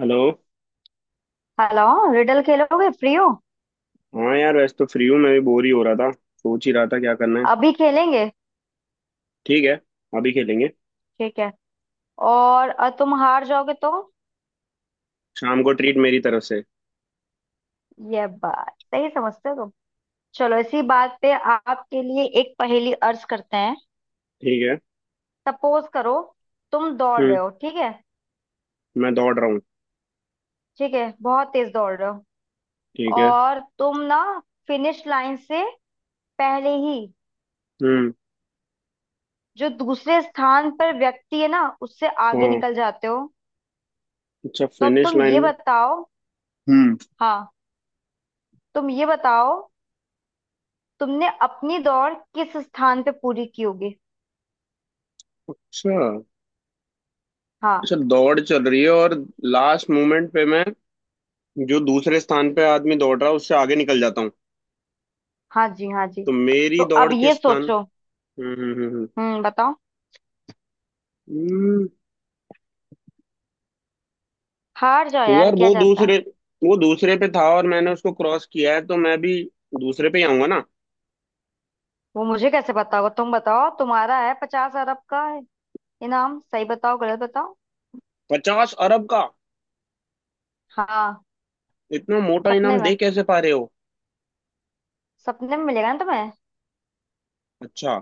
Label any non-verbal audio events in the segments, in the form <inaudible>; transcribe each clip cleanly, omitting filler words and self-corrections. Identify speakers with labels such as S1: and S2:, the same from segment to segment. S1: Hello.
S2: Hello. Riddle खेलोगे? Free हो?
S1: हाँ यार वैसे तो फ्री हूँ, मैं भी बोर ही हो रहा था, सोच ही रहा था क्या करना है।
S2: अभी खेलेंगे।
S1: ठीक है। अभी खेलेंगे।
S2: ठीक है। और तुम हार जाओगे तो?
S1: शाम को ट्रीट मेरी तरफ से।
S2: ये बात सही समझते हो तुम। चलो इसी बात पे आपके लिए एक पहेली अर्ज करते हैं।
S1: ठीक है।
S2: सपोज करो, तुम दौड़ रहे
S1: हम्म।
S2: हो, ठीक है?
S1: मैं दौड़ रहा हूँ।
S2: ठीक है बहुत तेज दौड़ रहे हो।
S1: ठीक है।
S2: और तुम ना फिनिश लाइन से पहले ही
S1: हम्म।
S2: जो दूसरे स्थान पर व्यक्ति है ना उससे आगे
S1: हाँ।
S2: निकल जाते हो।
S1: अच्छा
S2: तो अब
S1: फिनिश
S2: तुम
S1: लाइन
S2: ये
S1: में।
S2: बताओ।
S1: हम्म।
S2: हाँ। तुम ये बताओ, तुमने अपनी दौड़ किस स्थान पे पूरी की होगी?
S1: अच्छा। अच्छा
S2: हाँ।
S1: दौड़ चल रही है और लास्ट मोमेंट पे मैं जो दूसरे स्थान पे आदमी दौड़ रहा है उससे आगे निकल जाता हूँ।
S2: हाँ जी, हाँ जी।
S1: तो
S2: तो
S1: मेरी दौड़
S2: अब
S1: के
S2: ये
S1: स्थान।
S2: सोचो।
S1: हम्म, हम्म, हम्म,
S2: हम्म, बताओ।
S1: हम्म,
S2: हार जाओ यार,
S1: यार
S2: क्या
S1: वो
S2: जाता है।
S1: दूसरे वो दूसरे पे था और मैंने उसको क्रॉस किया है तो मैं भी दूसरे पे ही आऊंगा ना।
S2: वो मुझे कैसे बताओगे? तुम बताओ, तुम्हारा है 50 अरब का है इनाम। सही बताओ गलत बताओ।
S1: 50 अरब का।
S2: हाँ,
S1: इतना मोटा
S2: सपने
S1: इनाम
S2: में।
S1: दे कैसे पा रहे हो?
S2: सपने में मिलेगा ना तुम्हें।
S1: अच्छा।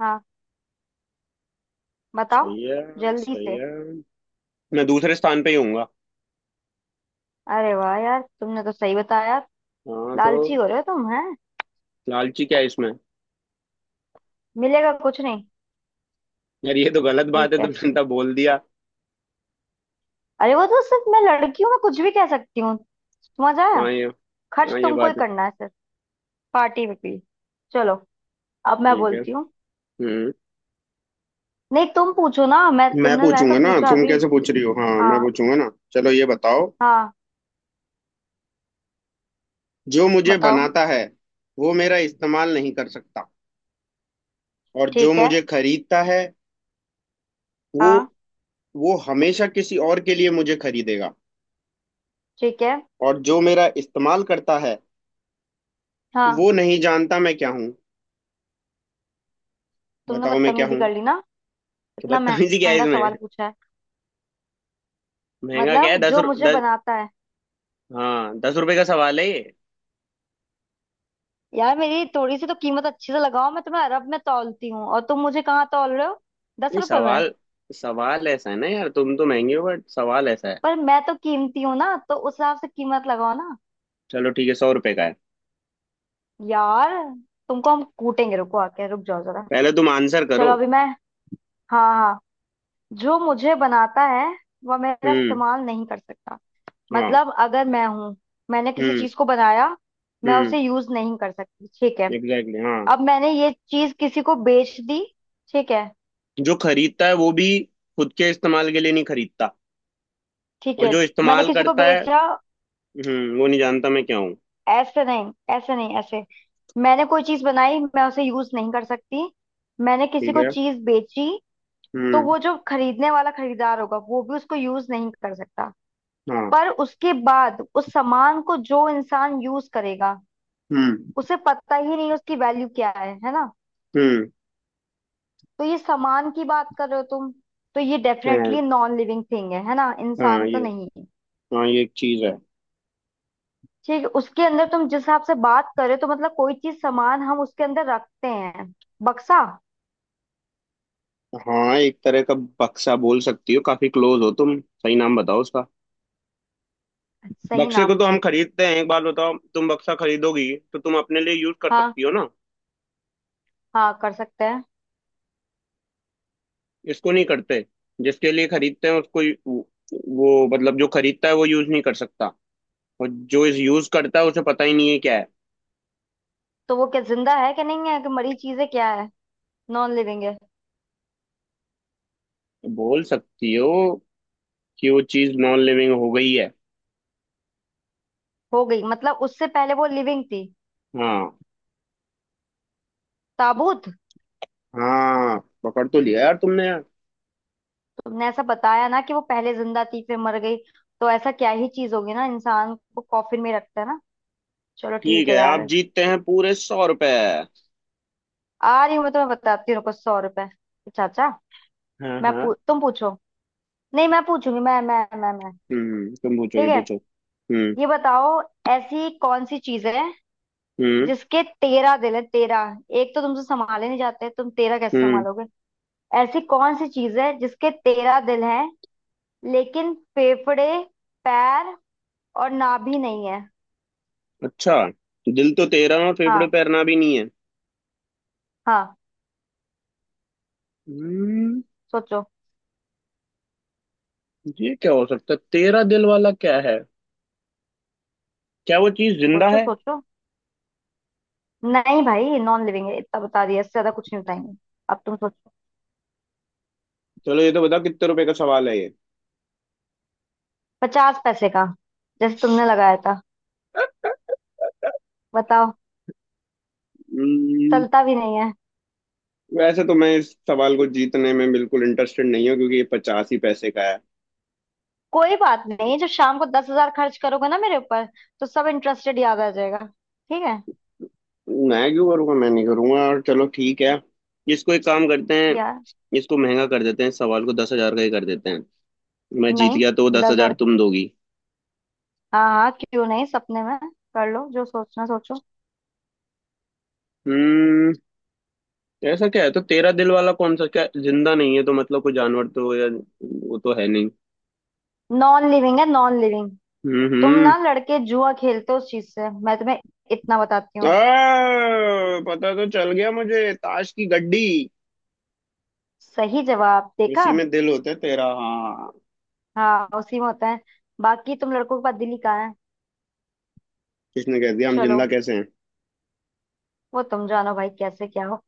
S2: हाँ, बताओ
S1: सही है।
S2: जल्दी
S1: सही
S2: से।
S1: है। मैं दूसरे स्थान पे ही हूँ।
S2: अरे वाह यार, तुमने तो सही बताया।
S1: हाँ तो।
S2: लालची हो रहे हो तुम, हैं?
S1: लालची क्या है इसमें?
S2: मिलेगा कुछ नहीं।
S1: यार ये तो गलत बात
S2: ठीक
S1: है,
S2: है।
S1: तुमने तो बोल दिया।
S2: अरे वो तो सिर्फ मैं लड़की हूँ, मैं कुछ भी कह सकती हूँ। समझ आया?
S1: हाँ ये।
S2: खर्च
S1: हाँ ये
S2: तुमको ही
S1: बात है।
S2: करना है पार्टी में भी। चलो अब मैं
S1: ठीक है।
S2: बोलती हूँ।
S1: हम्म।
S2: नहीं तुम पूछो ना, मैं
S1: मैं
S2: तुमने मैंने तो
S1: पूछूंगा ना,
S2: पूछा
S1: तुम
S2: अभी।
S1: कैसे पूछ रही हो? हाँ मैं
S2: हाँ
S1: पूछूंगा ना। चलो ये बताओ।
S2: हाँ,
S1: जो मुझे
S2: बताओ।
S1: बनाता है वो मेरा इस्तेमाल नहीं कर सकता, और जो
S2: ठीक है।
S1: मुझे खरीदता है वो
S2: हाँ।
S1: वो हमेशा किसी और के लिए मुझे खरीदेगा,
S2: ठीक है।
S1: और जो मेरा इस्तेमाल करता है
S2: हाँ।
S1: वो नहीं जानता मैं क्या हूँ।
S2: तुमने
S1: बताओ मैं क्या
S2: बदतमीजी
S1: हूँ।
S2: कर ली ना।
S1: कि
S2: इतना
S1: बदतमीजी क्या है
S2: महंगा
S1: इसमें?
S2: सवाल पूछा है।
S1: महंगा क्या है?
S2: मतलब जो मुझे
S1: दस।
S2: बनाता है।
S1: हाँ, 10 रुपए का सवाल है ये।
S2: यार मेरी थोड़ी सी तो कीमत अच्छे से लगाओ, मैं तुम्हें अरब में तौलती हूँ और तुम मुझे कहाँ तौल रहे हो, दस
S1: नहीं।
S2: रुपए में।
S1: सवाल सवाल ऐसा है ना यार, तुम तो महंगे हो बट सवाल ऐसा है।
S2: पर मैं तो कीमती हूँ ना, तो उस हिसाब से कीमत लगाओ ना।
S1: चलो ठीक है, 100 रुपए का है।
S2: यार तुमको हम कूटेंगे, रुको आके रुक जाओ जरा।
S1: पहले तुम आंसर करो।
S2: चलो अभी मैं। हाँ हाँ। जो मुझे बनाता है वह मेरा
S1: हम्म।
S2: इस्तेमाल नहीं कर सकता।
S1: हाँ।
S2: मतलब अगर मैं हूं, मैंने किसी
S1: हम्म।
S2: चीज को बनाया, मैं
S1: हम्म।
S2: उसे यूज नहीं कर सकती, ठीक है।
S1: एग्जैक्टली exactly, हाँ।
S2: अब मैंने ये चीज किसी को बेच दी, ठीक है।
S1: जो खरीदता है वो भी खुद के इस्तेमाल के लिए नहीं खरीदता,
S2: ठीक
S1: और
S2: है,
S1: जो
S2: मैंने
S1: इस्तेमाल
S2: किसी को
S1: करता है
S2: बेचा।
S1: वो नहीं जानता मैं क्या हूँ।
S2: ऐसे नहीं, ऐसे नहीं, ऐसे। मैंने कोई चीज बनाई, मैं उसे यूज नहीं कर सकती। मैंने किसी
S1: ठीक
S2: को
S1: है।
S2: चीज बेची, तो
S1: हम्म।
S2: वो जो खरीदने वाला खरीदार होगा वो भी उसको यूज नहीं कर सकता।
S1: हाँ।
S2: पर उसके बाद उस सामान को जो इंसान यूज करेगा
S1: हम्म।
S2: उसे पता ही नहीं उसकी वैल्यू क्या है ना?
S1: हम्म।
S2: तो ये सामान की बात कर रहे हो तुम? तो ये
S1: हाँ।
S2: डेफिनेटली नॉन लिविंग थिंग है ना,
S1: हाँ
S2: इंसान तो
S1: ये।
S2: नहीं है।
S1: हाँ ये एक चीज है।
S2: ठीक है, उसके अंदर तुम जिस हिसाब से बात कर रहे हो तो मतलब कोई चीज सामान हम उसके अंदर रखते हैं। बक्सा?
S1: हाँ एक तरह का। बक्सा बोल सकती हो, काफी क्लोज हो तुम। सही नाम बताओ उसका।
S2: सही
S1: बक्से को
S2: नाम।
S1: तो हम खरीदते हैं। एक बात बताओ, तुम बक्सा खरीदोगी तो तुम अपने लिए यूज कर
S2: हाँ,
S1: सकती हो ना?
S2: हाँ कर सकते हैं।
S1: इसको नहीं करते, जिसके लिए खरीदते हैं उसको। वो वो मतलब, जो खरीदता है वो यूज नहीं कर सकता, और जो इस यूज करता है उसे पता ही नहीं है क्या है।
S2: तो वो क्या जिंदा है कि नहीं है कि मरी चीज है, क्या है? नॉन लिविंग है?
S1: बोल सकती हो कि वो चीज नॉन लिविंग हो गई है।
S2: हो गई मतलब उससे पहले वो लिविंग थी।
S1: हाँ।
S2: ताबूत।
S1: हाँ, पकड़ तो लिया यार तुमने, यार।
S2: तुमने ऐसा बताया ना कि वो पहले जिंदा थी फिर मर गई, तो ऐसा क्या ही चीज होगी ना, इंसान को कॉफिन में रखता है ना। चलो ठीक
S1: ठीक
S2: है
S1: है, आप
S2: यार।
S1: जीतते हैं पूरे 100 रुपए।
S2: आ रही हूँ मैं, तुम्हें बताती हूँ रुको, 100 रुपए। अच्छा अच्छा।
S1: हाँ हाँ।
S2: तुम पूछो। नहीं मैं पूछूंगी। मैं।
S1: हम्म। तुम पूछो,
S2: ठीक
S1: ये
S2: है।
S1: पूछो। हम्म।
S2: ये बताओ, ऐसी कौन सी चीज है
S1: हम्म।
S2: जिसके 13 दिल है? 13, एक तो तुमसे संभाले नहीं जाते, तुम 13 कैसे
S1: हम्म।
S2: संभालोगे? ऐसी कौन सी चीज है जिसके तेरह दिल है लेकिन फेफड़े, पैर और नाभि नहीं है?
S1: अच्छा। दिल तो तेरा, और फेफड़े
S2: हाँ।
S1: पैरना भी नहीं है।
S2: हाँ,
S1: हम्म।
S2: सोचो
S1: ये क्या हो सकता है? तेरा दिल वाला क्या है? क्या वो चीज जिंदा
S2: सोचो।
S1: है?
S2: सोचो, नहीं भाई नॉन लिविंग है, इतना बता दिया, इससे ज्यादा कुछ नहीं बताएंगे। अब तुम सोचो।
S1: चलो ये तो बताओ, कितने रुपए का सवाल है ये?
S2: 50 पैसे का। जैसे तुमने लगाया था। बताओ।
S1: हम्म,
S2: चलता भी नहीं है।
S1: वैसे तो मैं इस सवाल को जीतने में बिल्कुल इंटरेस्टेड नहीं हूँ क्योंकि ये 50 ही पैसे का है।
S2: कोई बात नहीं, जब शाम को 10 हज़ार खर्च करोगे ना मेरे ऊपर तो सब इंटरेस्टेड याद आ जाएगा। ठीक है।
S1: मैं क्यों करूँगा? मैं नहीं करूँगा। और चलो ठीक है। इसको एक काम करते हैं,
S2: यार
S1: इसको महंगा कर देते हैं, इस सवाल को 10 हजार का ही कर देते हैं। मैं जीत
S2: नहीं।
S1: गया तो
S2: दस
S1: 10 हजार
S2: हजार
S1: तुम दोगी।
S2: हाँ हाँ, क्यों नहीं, सपने में। कर लो, जो सोचना सोचो।
S1: हम्म। ऐसा क्या है तो तेरा दिल वाला कौन सा? क्या जिंदा नहीं है तो मतलब कोई जानवर तो, या वो तो है नहीं।
S2: नॉन लिविंग है, नॉन लिविंग।
S1: हम्म।
S2: तुम
S1: हम्म।
S2: ना लड़के जुआ खेलते हो उस चीज से, मैं तुम्हें इतना बताती हूँ।
S1: पता तो चल गया मुझे, ताश की गड्डी।
S2: सही जवाब, देखा।
S1: उसी में दिल होता है तेरा, हाँ।
S2: हाँ, उसी में होता है, बाकी तुम लड़कों के पास दिल ही कहाँ है।
S1: किसने कह दिया? हम
S2: चलो,
S1: जिंदा कैसे हैं?
S2: वो तुम जानो भाई कैसे क्या हो।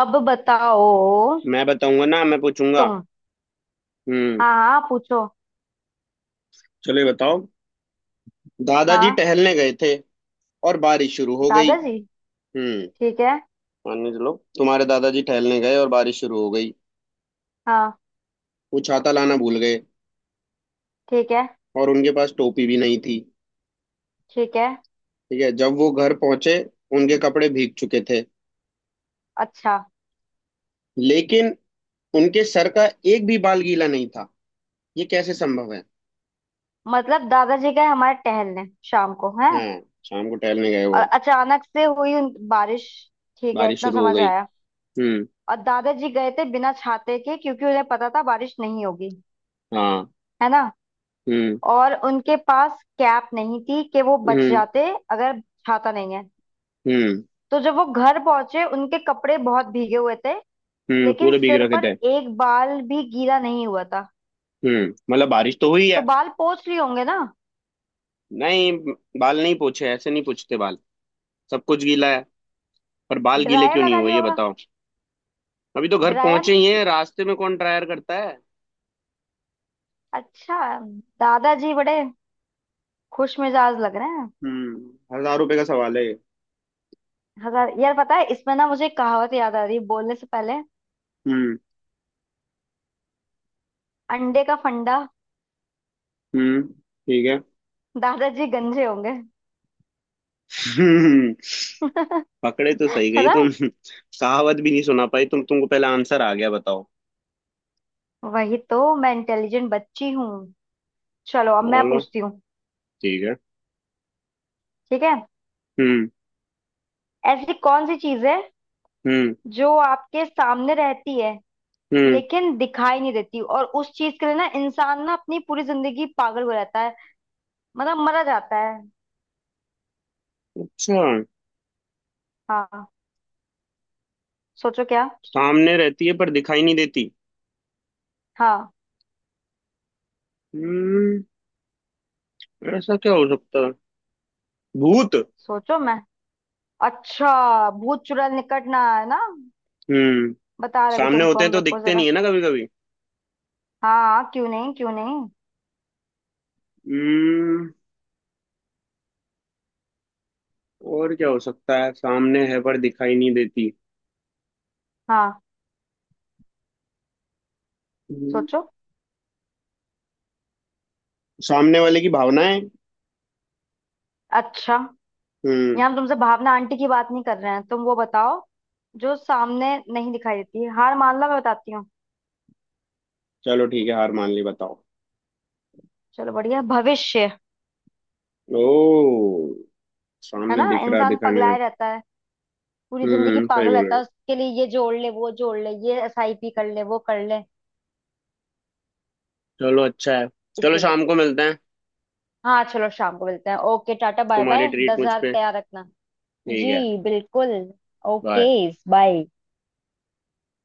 S2: अब बताओ।
S1: मैं बताऊंगा ना, मैं पूछूंगा।
S2: तुम।
S1: हम्म।
S2: हाँ हाँ, पूछो।
S1: चलो ये बताओ। दादाजी
S2: हाँ।
S1: टहलने गए थे और बारिश शुरू हो गई।
S2: दादाजी।
S1: हम्म।
S2: ठीक है।
S1: मान के चलो, तुम्हारे दादाजी टहलने गए और बारिश शुरू हो गई।
S2: हाँ।
S1: वो छाता लाना भूल गए
S2: ठीक है।
S1: और उनके पास टोपी भी नहीं थी।
S2: ठीक है।
S1: ठीक है, जब वो घर पहुंचे उनके कपड़े भीग चुके थे,
S2: अच्छा।
S1: लेकिन उनके सर का एक भी बाल गीला नहीं था। ये कैसे संभव है?
S2: मतलब दादाजी गए हमारे टहलने शाम को है,
S1: हाँ, शाम को टहलने गए
S2: और
S1: वो।
S2: अचानक से हुई बारिश, ठीक है,
S1: बारिश
S2: इतना
S1: शुरू हो
S2: समझ
S1: गई।
S2: आया।
S1: हम्म।
S2: और दादाजी गए थे बिना छाते के क्योंकि उन्हें पता था बारिश नहीं होगी,
S1: हाँ।
S2: है ना।
S1: हम्म।
S2: और उनके पास कैप नहीं थी कि वो बच
S1: हम्म।
S2: जाते। अगर छाता नहीं है,
S1: हम्म।
S2: तो जब वो घर पहुंचे उनके कपड़े बहुत भीगे हुए थे, लेकिन
S1: पूरे भीग
S2: सिर
S1: रखे
S2: पर
S1: थे।
S2: एक बाल भी गीला नहीं हुआ था।
S1: हम्म। मतलब बारिश तो हुई
S2: तो
S1: है।
S2: बाल पोंछ लिए होंगे ना।
S1: नहीं, बाल नहीं पूछे, ऐसे नहीं पूछते बाल। सब कुछ गीला है, पर बाल गीले
S2: ड्रायर
S1: क्यों नहीं
S2: लगा
S1: हुए
S2: लिया
S1: ये
S2: होगा।
S1: बताओ। अभी तो घर
S2: ड्रायर।
S1: पहुंचे ही हैं, रास्ते में कौन ड्रायर करता है?
S2: अच्छा, दादाजी बड़े खुश मिजाज लग रहे हैं।
S1: 1,000 रुपए का सवाल है ये।
S2: हजार? यार पता है, इसमें ना मुझे एक कहावत याद आ रही है बोलने से पहले।
S1: हम्म।
S2: अंडे का फंडा।
S1: हम्म। ठीक है।
S2: दादाजी गंजे होंगे <laughs>
S1: हम्म, पकड़े तो सही
S2: है
S1: गई
S2: ना?
S1: तुम। कहावत भी नहीं सुना पाई तुम, तुमको पहले आंसर आ गया। बताओ।
S2: वही तो, मैं इंटेलिजेंट बच्ची हूँ। चलो अब मैं
S1: चलो
S2: पूछती हूँ।
S1: ठीक है।
S2: ठीक है।
S1: हम्म।
S2: ऐसी कौन सी चीज है
S1: हम्म।
S2: जो आपके सामने रहती है
S1: हम्म।
S2: लेकिन दिखाई नहीं देती, और उस चीज के लिए ना इंसान ना अपनी पूरी जिंदगी पागल हो जाता है, मतलब मरा जाता है।
S1: अच्छा।
S2: हाँ। सोचो क्या।
S1: सामने रहती है पर दिखाई नहीं देती।
S2: हाँ।
S1: हम्म। ऐसा क्या हो सकता है? भूत।
S2: सोचो मैं, अच्छा भूत चुड़ैल निकट ना आए ना,
S1: हम्म।
S2: बता रहे अभी
S1: सामने
S2: तुमको
S1: होते हैं
S2: हम,
S1: तो
S2: रुको
S1: दिखते नहीं
S2: जरा।
S1: है ना कभी कभी?
S2: हाँ हाँ, क्यों नहीं, क्यों नहीं।
S1: हम्म। और क्या हो सकता है, सामने है पर दिखाई नहीं देती?
S2: हाँ,
S1: हम्म,
S2: सोचो।
S1: सामने वाले की भावनाएं।
S2: अच्छा,
S1: हम्म।
S2: यहाँ हम तुमसे भावना आंटी की बात नहीं कर रहे हैं, तुम वो बताओ जो सामने नहीं दिखाई देती। हार मान लो, मैं बताती हूँ।
S1: चलो ठीक है, हार मान ली, बताओ।
S2: चलो, बढ़िया, भविष्य।
S1: ओ।
S2: है
S1: सामने
S2: ना,
S1: दिख रहा,
S2: इंसान
S1: दिखाई नहीं रहा।
S2: पगलाए रहता है, पूरी जिंदगी
S1: सही
S2: पागल
S1: बोल रहे
S2: रहता है
S1: हो।
S2: उसके लिए, ये जोड़ ले, वो जोड़ ले, ये SIP कर ले, वो कर ले।
S1: चलो अच्छा है। चलो
S2: इसीलिए।
S1: शाम को मिलते हैं।
S2: हाँ चलो शाम को मिलते हैं, ओके टाटा बाय
S1: तुम्हारी
S2: बाय,
S1: ट्रीट
S2: दस
S1: मुझ
S2: हजार
S1: पे।
S2: तैयार रखना।
S1: ठीक है।
S2: जी, बिल्कुल। ओके।
S1: बाय।
S2: बाय।